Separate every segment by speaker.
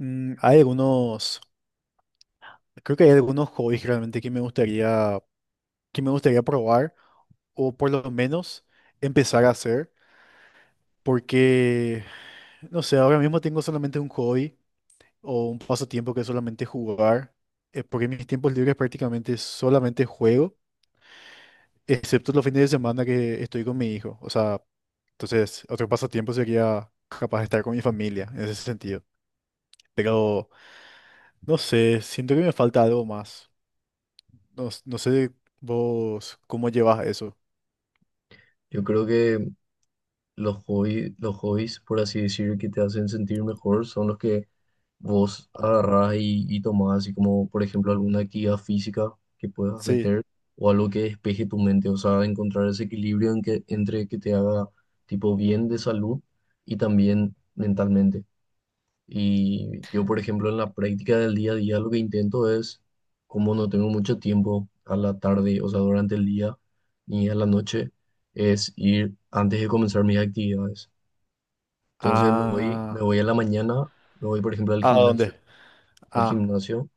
Speaker 1: Hay algunos, creo que hay algunos hobbies realmente que me gustaría probar o por lo menos empezar a hacer, porque, no sé, ahora mismo tengo solamente un hobby o un pasatiempo que es solamente jugar, porque en mis tiempos libres prácticamente solamente juego, excepto los fines de semana que estoy con mi hijo. O sea, entonces otro pasatiempo sería capaz de estar con mi familia en ese sentido. Pero, no sé, siento que me falta algo más. No, no sé vos cómo llevas eso.
Speaker 2: Yo creo que los hobbies, por así decir, que te hacen sentir mejor son los que vos agarrás y tomás, así como, por ejemplo, alguna actividad física que puedas
Speaker 1: Sí.
Speaker 2: meter o algo que despeje tu mente, o sea, encontrar ese equilibrio entre que te haga tipo bien de salud y también mentalmente. Y yo, por ejemplo, en la práctica del día a día, lo que intento es, como no tengo mucho tiempo a la tarde, o sea, durante el día ni a la noche, es ir antes de comenzar mis actividades. Entonces me voy, me
Speaker 1: Ah,
Speaker 2: voy a la mañana, me voy, por ejemplo, al
Speaker 1: ¿a
Speaker 2: gimnasio,
Speaker 1: dónde?
Speaker 2: al
Speaker 1: Ah,
Speaker 2: gimnasio,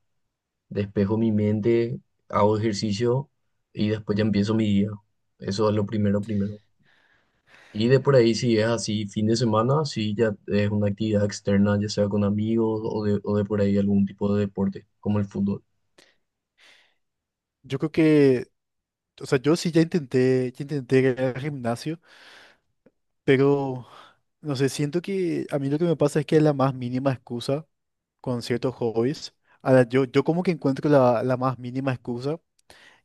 Speaker 2: despejo mi mente, hago ejercicio y después ya empiezo mi día. Eso es lo primero, primero. Y de por ahí, si es así, fin de semana, si ya es una actividad externa, ya sea con amigos o de por ahí algún tipo de deporte, como el fútbol.
Speaker 1: yo creo que, o sea, yo sí ya intenté ir al gimnasio, pero no sé, siento que a mí lo que me pasa es que la más mínima excusa con ciertos hobbies. A la Yo como que encuentro la más mínima excusa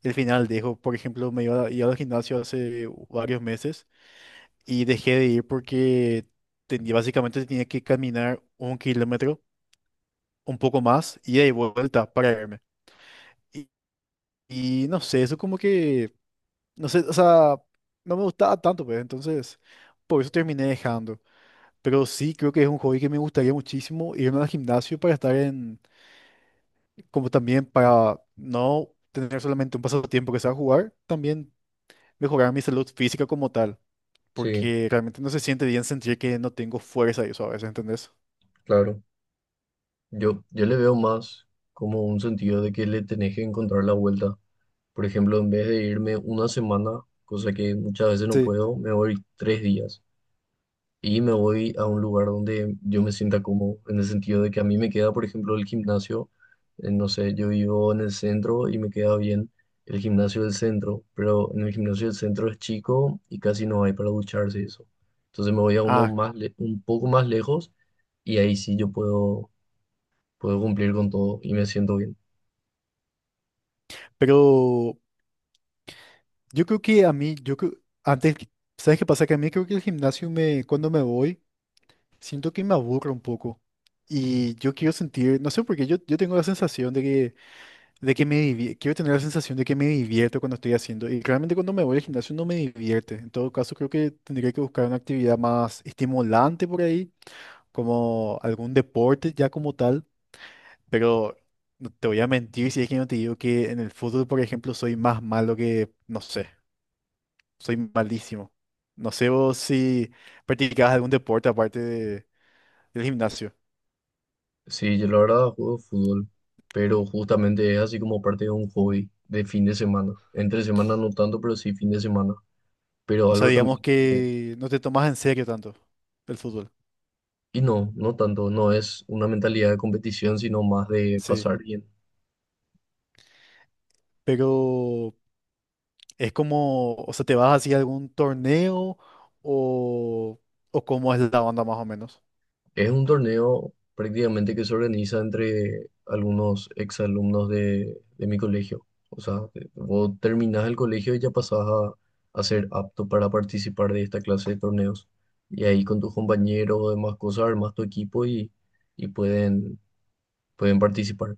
Speaker 1: y al final dejo. Por ejemplo, iba al gimnasio hace varios meses y dejé de ir porque básicamente tenía que caminar 1 kilómetro. Un poco más, ida y vuelta para irme. Y, y no sé, eso como que, no sé, o sea, no me gustaba tanto, pues, entonces, por eso terminé dejando. Pero sí, creo que es un hobby que me gustaría muchísimo irme al gimnasio para estar en, como también para no tener solamente un pasatiempo que sea jugar, también mejorar mi salud física como tal,
Speaker 2: Sí,
Speaker 1: porque realmente no se siente bien sentir que no tengo fuerza y eso a veces, ¿entendés?
Speaker 2: claro. Yo le veo más como un sentido de que le tenés que encontrar la vuelta. Por ejemplo, en vez de irme una semana, cosa que muchas veces no
Speaker 1: Sí.
Speaker 2: puedo, me voy 3 días. Y me voy a un lugar donde yo me sienta cómodo, en el sentido de que a mí me queda, por ejemplo, el gimnasio, no sé, yo vivo en el centro y me queda bien el gimnasio del centro, pero en el gimnasio del centro es chico y casi no hay para ducharse y eso. Entonces me voy a uno
Speaker 1: Ah,
Speaker 2: un poco más lejos y ahí sí yo puedo cumplir con todo y me siento bien.
Speaker 1: pero yo creo que a mí, yo creo, antes, que- ¿sabes qué pasa? Que a mí creo que cuando me voy, siento que me aburro un poco. Y yo quiero sentir, no sé por qué, yo tengo la sensación de que me divierto, quiero tener la sensación de que me divierto cuando estoy haciendo. Y realmente cuando me voy al gimnasio no me divierte. En todo caso, creo que tendría que buscar una actividad más estimulante por ahí, como algún deporte ya como tal. Pero no te voy a mentir si es que no te digo que en el fútbol, por ejemplo, soy más malo que, no sé. Soy malísimo. No sé vos si practicabas algún deporte aparte de- del gimnasio.
Speaker 2: Sí, yo la verdad juego fútbol, pero justamente es así como parte de un hobby de fin de semana. Entre semana no tanto, pero sí fin de semana. Pero
Speaker 1: O sea,
Speaker 2: algo
Speaker 1: digamos
Speaker 2: también.
Speaker 1: que no te tomas en serio tanto el fútbol.
Speaker 2: Y no, no tanto, no es una mentalidad de competición, sino más de
Speaker 1: Sí.
Speaker 2: pasar bien.
Speaker 1: Pero es como, o sea, ¿te vas así a algún torneo o, o cómo es la onda más o menos?
Speaker 2: Es un torneo prácticamente que se organiza entre algunos exalumnos de mi colegio. O sea, vos terminás el colegio y ya pasás a ser apto para participar de esta clase de torneos. Y ahí con tus compañeros o demás cosas armas tu equipo y pueden participar.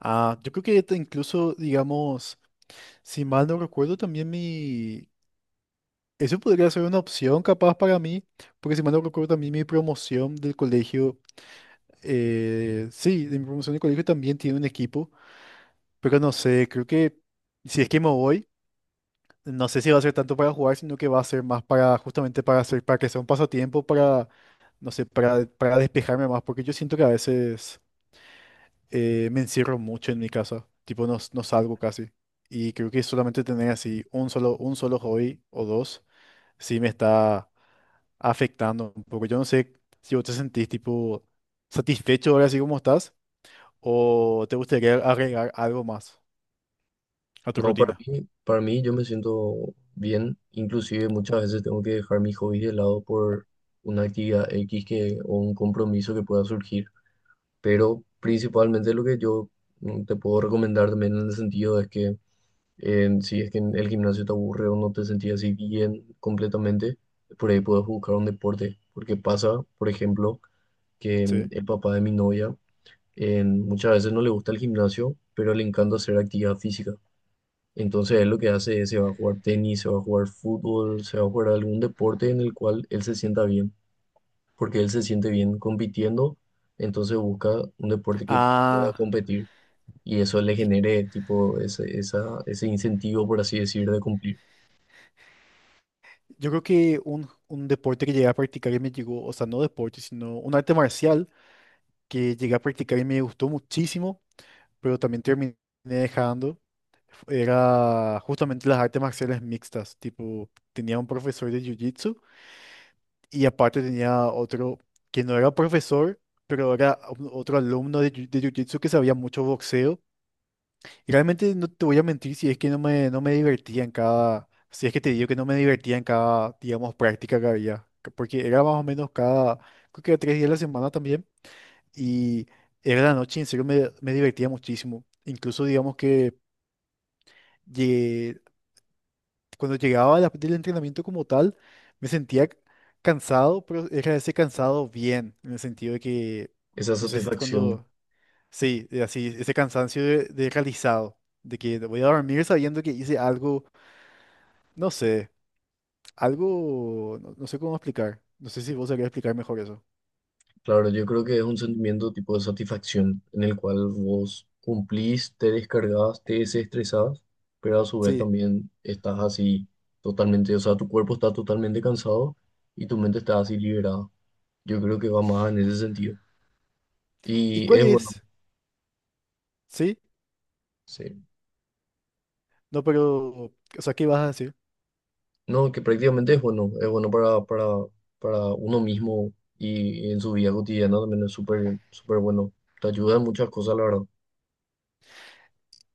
Speaker 1: Ah, yo creo que incluso, digamos, si mal no recuerdo, también mi... Eso podría ser una opción capaz para mí, porque si mal no recuerdo, también mi promoción del colegio. Sí, de mi promoción de colegio también tiene un equipo, pero no sé, creo que si es que me voy, no sé si va a ser tanto para jugar, sino que va a ser más para justamente para hacer, para que sea un pasatiempo, para, no sé, para despejarme más, porque yo siento que a veces me encierro mucho en mi casa, tipo no, no salgo casi, y creo que solamente tener así un solo hobby o dos, sí me está afectando un poco. Yo no sé si vos te sentís tipo satisfecho ahora así como estás. ¿O te gustaría agregar algo más a tu
Speaker 2: No, para
Speaker 1: rutina?
Speaker 2: mí, para mí yo me siento bien, inclusive muchas veces tengo que dejar mis hobbies de lado por una actividad X o un compromiso que pueda surgir, pero principalmente lo que yo te puedo recomendar también en el sentido es que si es que en el gimnasio te aburre o no te sentís así bien completamente, por ahí puedes buscar un deporte, porque pasa, por ejemplo, que
Speaker 1: Sí.
Speaker 2: el papá de mi novia muchas veces no le gusta el gimnasio, pero le encanta hacer actividad física. Entonces él lo que hace es se va a jugar tenis, se va a jugar fútbol, se va a jugar algún deporte en el cual él se sienta bien, porque él se siente bien compitiendo, entonces busca un deporte que pueda
Speaker 1: Ah,
Speaker 2: competir y eso le
Speaker 1: y
Speaker 2: genere tipo ese incentivo, por así decir, de cumplir,
Speaker 1: yo creo que un deporte que llegué a practicar y me llegó, o sea, no deporte, sino un arte marcial que llegué a practicar y me gustó muchísimo, pero también terminé dejando, era justamente las artes marciales mixtas, tipo, tenía un profesor de jiu-jitsu y aparte tenía otro que no era profesor, pero era otro alumno de jiu-jitsu que sabía mucho boxeo. Realmente no te voy a mentir si es que no me divertía en cada, si es que te digo que no me divertía en cada, digamos, práctica que había, porque era más o menos cada, creo que era 3 días a la semana también, y era la noche, y en serio me divertía muchísimo. Incluso digamos que llegué- cuando llegaba del entrenamiento como tal, me sentía cansado, pero era ese cansado bien, en el sentido de que,
Speaker 2: esa
Speaker 1: no sé si
Speaker 2: satisfacción.
Speaker 1: cuando, sí, así, ese cansancio de realizado de que voy a dormir sabiendo que hice algo. No sé, algo, no, no sé cómo explicar. No sé si vos sabrías explicar mejor eso.
Speaker 2: Claro, yo creo que es un sentimiento tipo de satisfacción en el cual vos cumplís, te descargas, te desestresás, pero a su vez
Speaker 1: Sí.
Speaker 2: también estás así totalmente, o sea, tu cuerpo está totalmente cansado y tu mente está así liberada. Yo creo que va más en ese sentido.
Speaker 1: ¿Y
Speaker 2: Y
Speaker 1: cuál
Speaker 2: es bueno,
Speaker 1: es? Sí,
Speaker 2: sí.
Speaker 1: no, pero, o sea, ¿qué vas a decir?
Speaker 2: No, que prácticamente es bueno, para uno mismo y en su vida cotidiana también es súper, súper bueno. Te ayuda en muchas cosas, la verdad.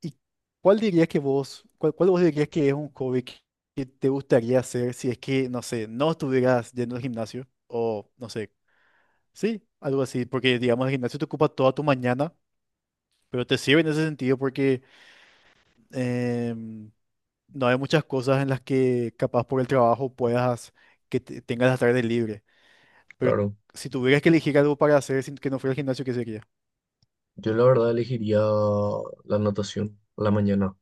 Speaker 1: ¿Y cuál dirías que vos, cuál vos dirías que es un hobby que te gustaría hacer si es que, no sé, no estuvieras yendo al gimnasio? O, no sé, sí, algo así, porque digamos el gimnasio te ocupa toda tu mañana, pero te sirve en ese sentido porque em, no hay muchas cosas en las que capaz por el trabajo puedas, que tengas la tarde libre. Pero
Speaker 2: Claro.
Speaker 1: si tuvieras que elegir algo para hacer sin que no fuera el gimnasio, ¿qué sería?
Speaker 2: Yo la verdad elegiría la natación a la mañana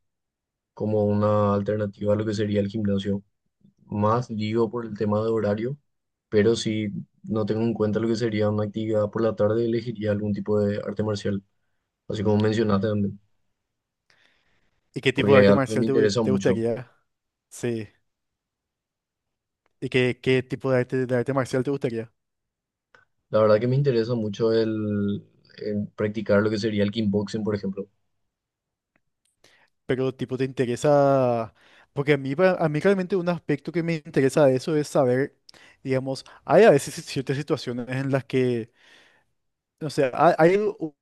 Speaker 2: como una alternativa a lo que sería el gimnasio. Más digo por el tema de horario, pero si no tengo en cuenta lo que sería una actividad por la tarde, elegiría algún tipo de arte marcial, así como mencionaste también,
Speaker 1: ¿Y qué tipo
Speaker 2: porque
Speaker 1: de
Speaker 2: es
Speaker 1: arte
Speaker 2: algo que
Speaker 1: marcial
Speaker 2: me interesa
Speaker 1: te
Speaker 2: mucho.
Speaker 1: gustaría? Sí. ¿Y qué, qué tipo de arte marcial te gustaría?
Speaker 2: La verdad que me interesa mucho el practicar lo que sería el kickboxing, por ejemplo.
Speaker 1: Pero tipo, ¿te interesa? Porque a mí, a mí realmente un aspecto que me interesa de eso es saber, digamos, hay a veces ciertas situaciones en las que, no sé, hay,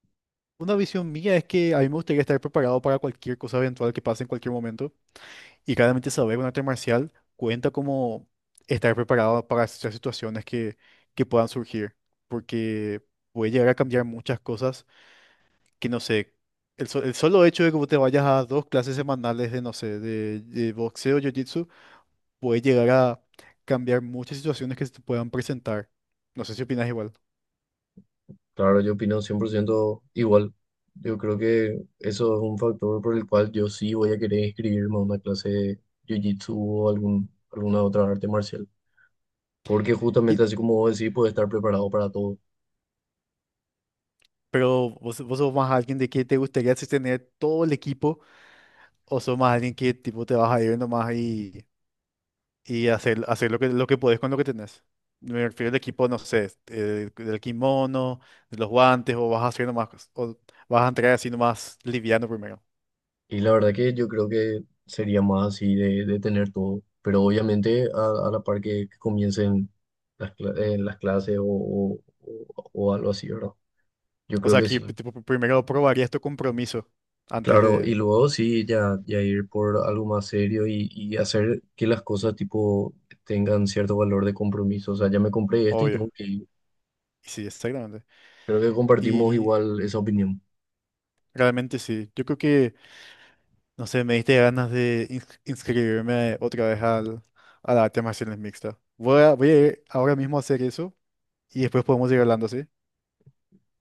Speaker 1: una visión mía es que a mí me gustaría estar preparado para cualquier cosa eventual que pase en cualquier momento. Y claramente saber un arte marcial cuenta como estar preparado para ciertas situaciones que puedan surgir, porque puede llegar a cambiar muchas cosas que no sé. El solo hecho de que vos te vayas a 2 clases semanales de, no sé, de boxeo, jiu-jitsu, puede llegar a cambiar muchas situaciones que se te puedan presentar. No sé si opinas igual.
Speaker 2: Claro, yo opino 100% igual. Yo creo que eso es un factor por el cual yo sí voy a querer inscribirme a una clase de jiu-jitsu o alguna otra arte marcial. Porque
Speaker 1: Y-
Speaker 2: justamente así como vos decís, puedes estar preparado para todo.
Speaker 1: pero vos, vos sos más alguien de que te gustaría así tener todo el equipo o sos más alguien que tipo te vas a ir nomás y hacer, hacer lo que podés con lo que tenés. Me refiero al equipo, no sé, del kimono, de los guantes, o vas a hacer nomás, o vas a entrar así nomás liviano primero.
Speaker 2: Y la verdad que yo creo que sería más así de tener todo. Pero obviamente a la par que comiencen las clases o algo así, ¿verdad? Yo
Speaker 1: O
Speaker 2: creo
Speaker 1: sea,
Speaker 2: que
Speaker 1: que
Speaker 2: sí.
Speaker 1: tipo, primero probarías tu compromiso antes
Speaker 2: Claro, y
Speaker 1: de,
Speaker 2: luego sí, ya ir por algo más serio y hacer que las cosas tipo tengan cierto valor de compromiso. O sea, ya me compré esto y
Speaker 1: obvio.
Speaker 2: tengo que ir.
Speaker 1: Sí, exactamente.
Speaker 2: Creo que compartimos
Speaker 1: Y
Speaker 2: igual esa opinión.
Speaker 1: realmente sí. Yo creo que, no sé, me diste ganas de inscribirme otra vez al, a la arte marciales mixta. Voy a ir ahora mismo a hacer eso y después podemos ir hablando, ¿sí?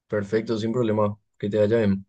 Speaker 2: Perfecto, sin problema. Que te vaya bien.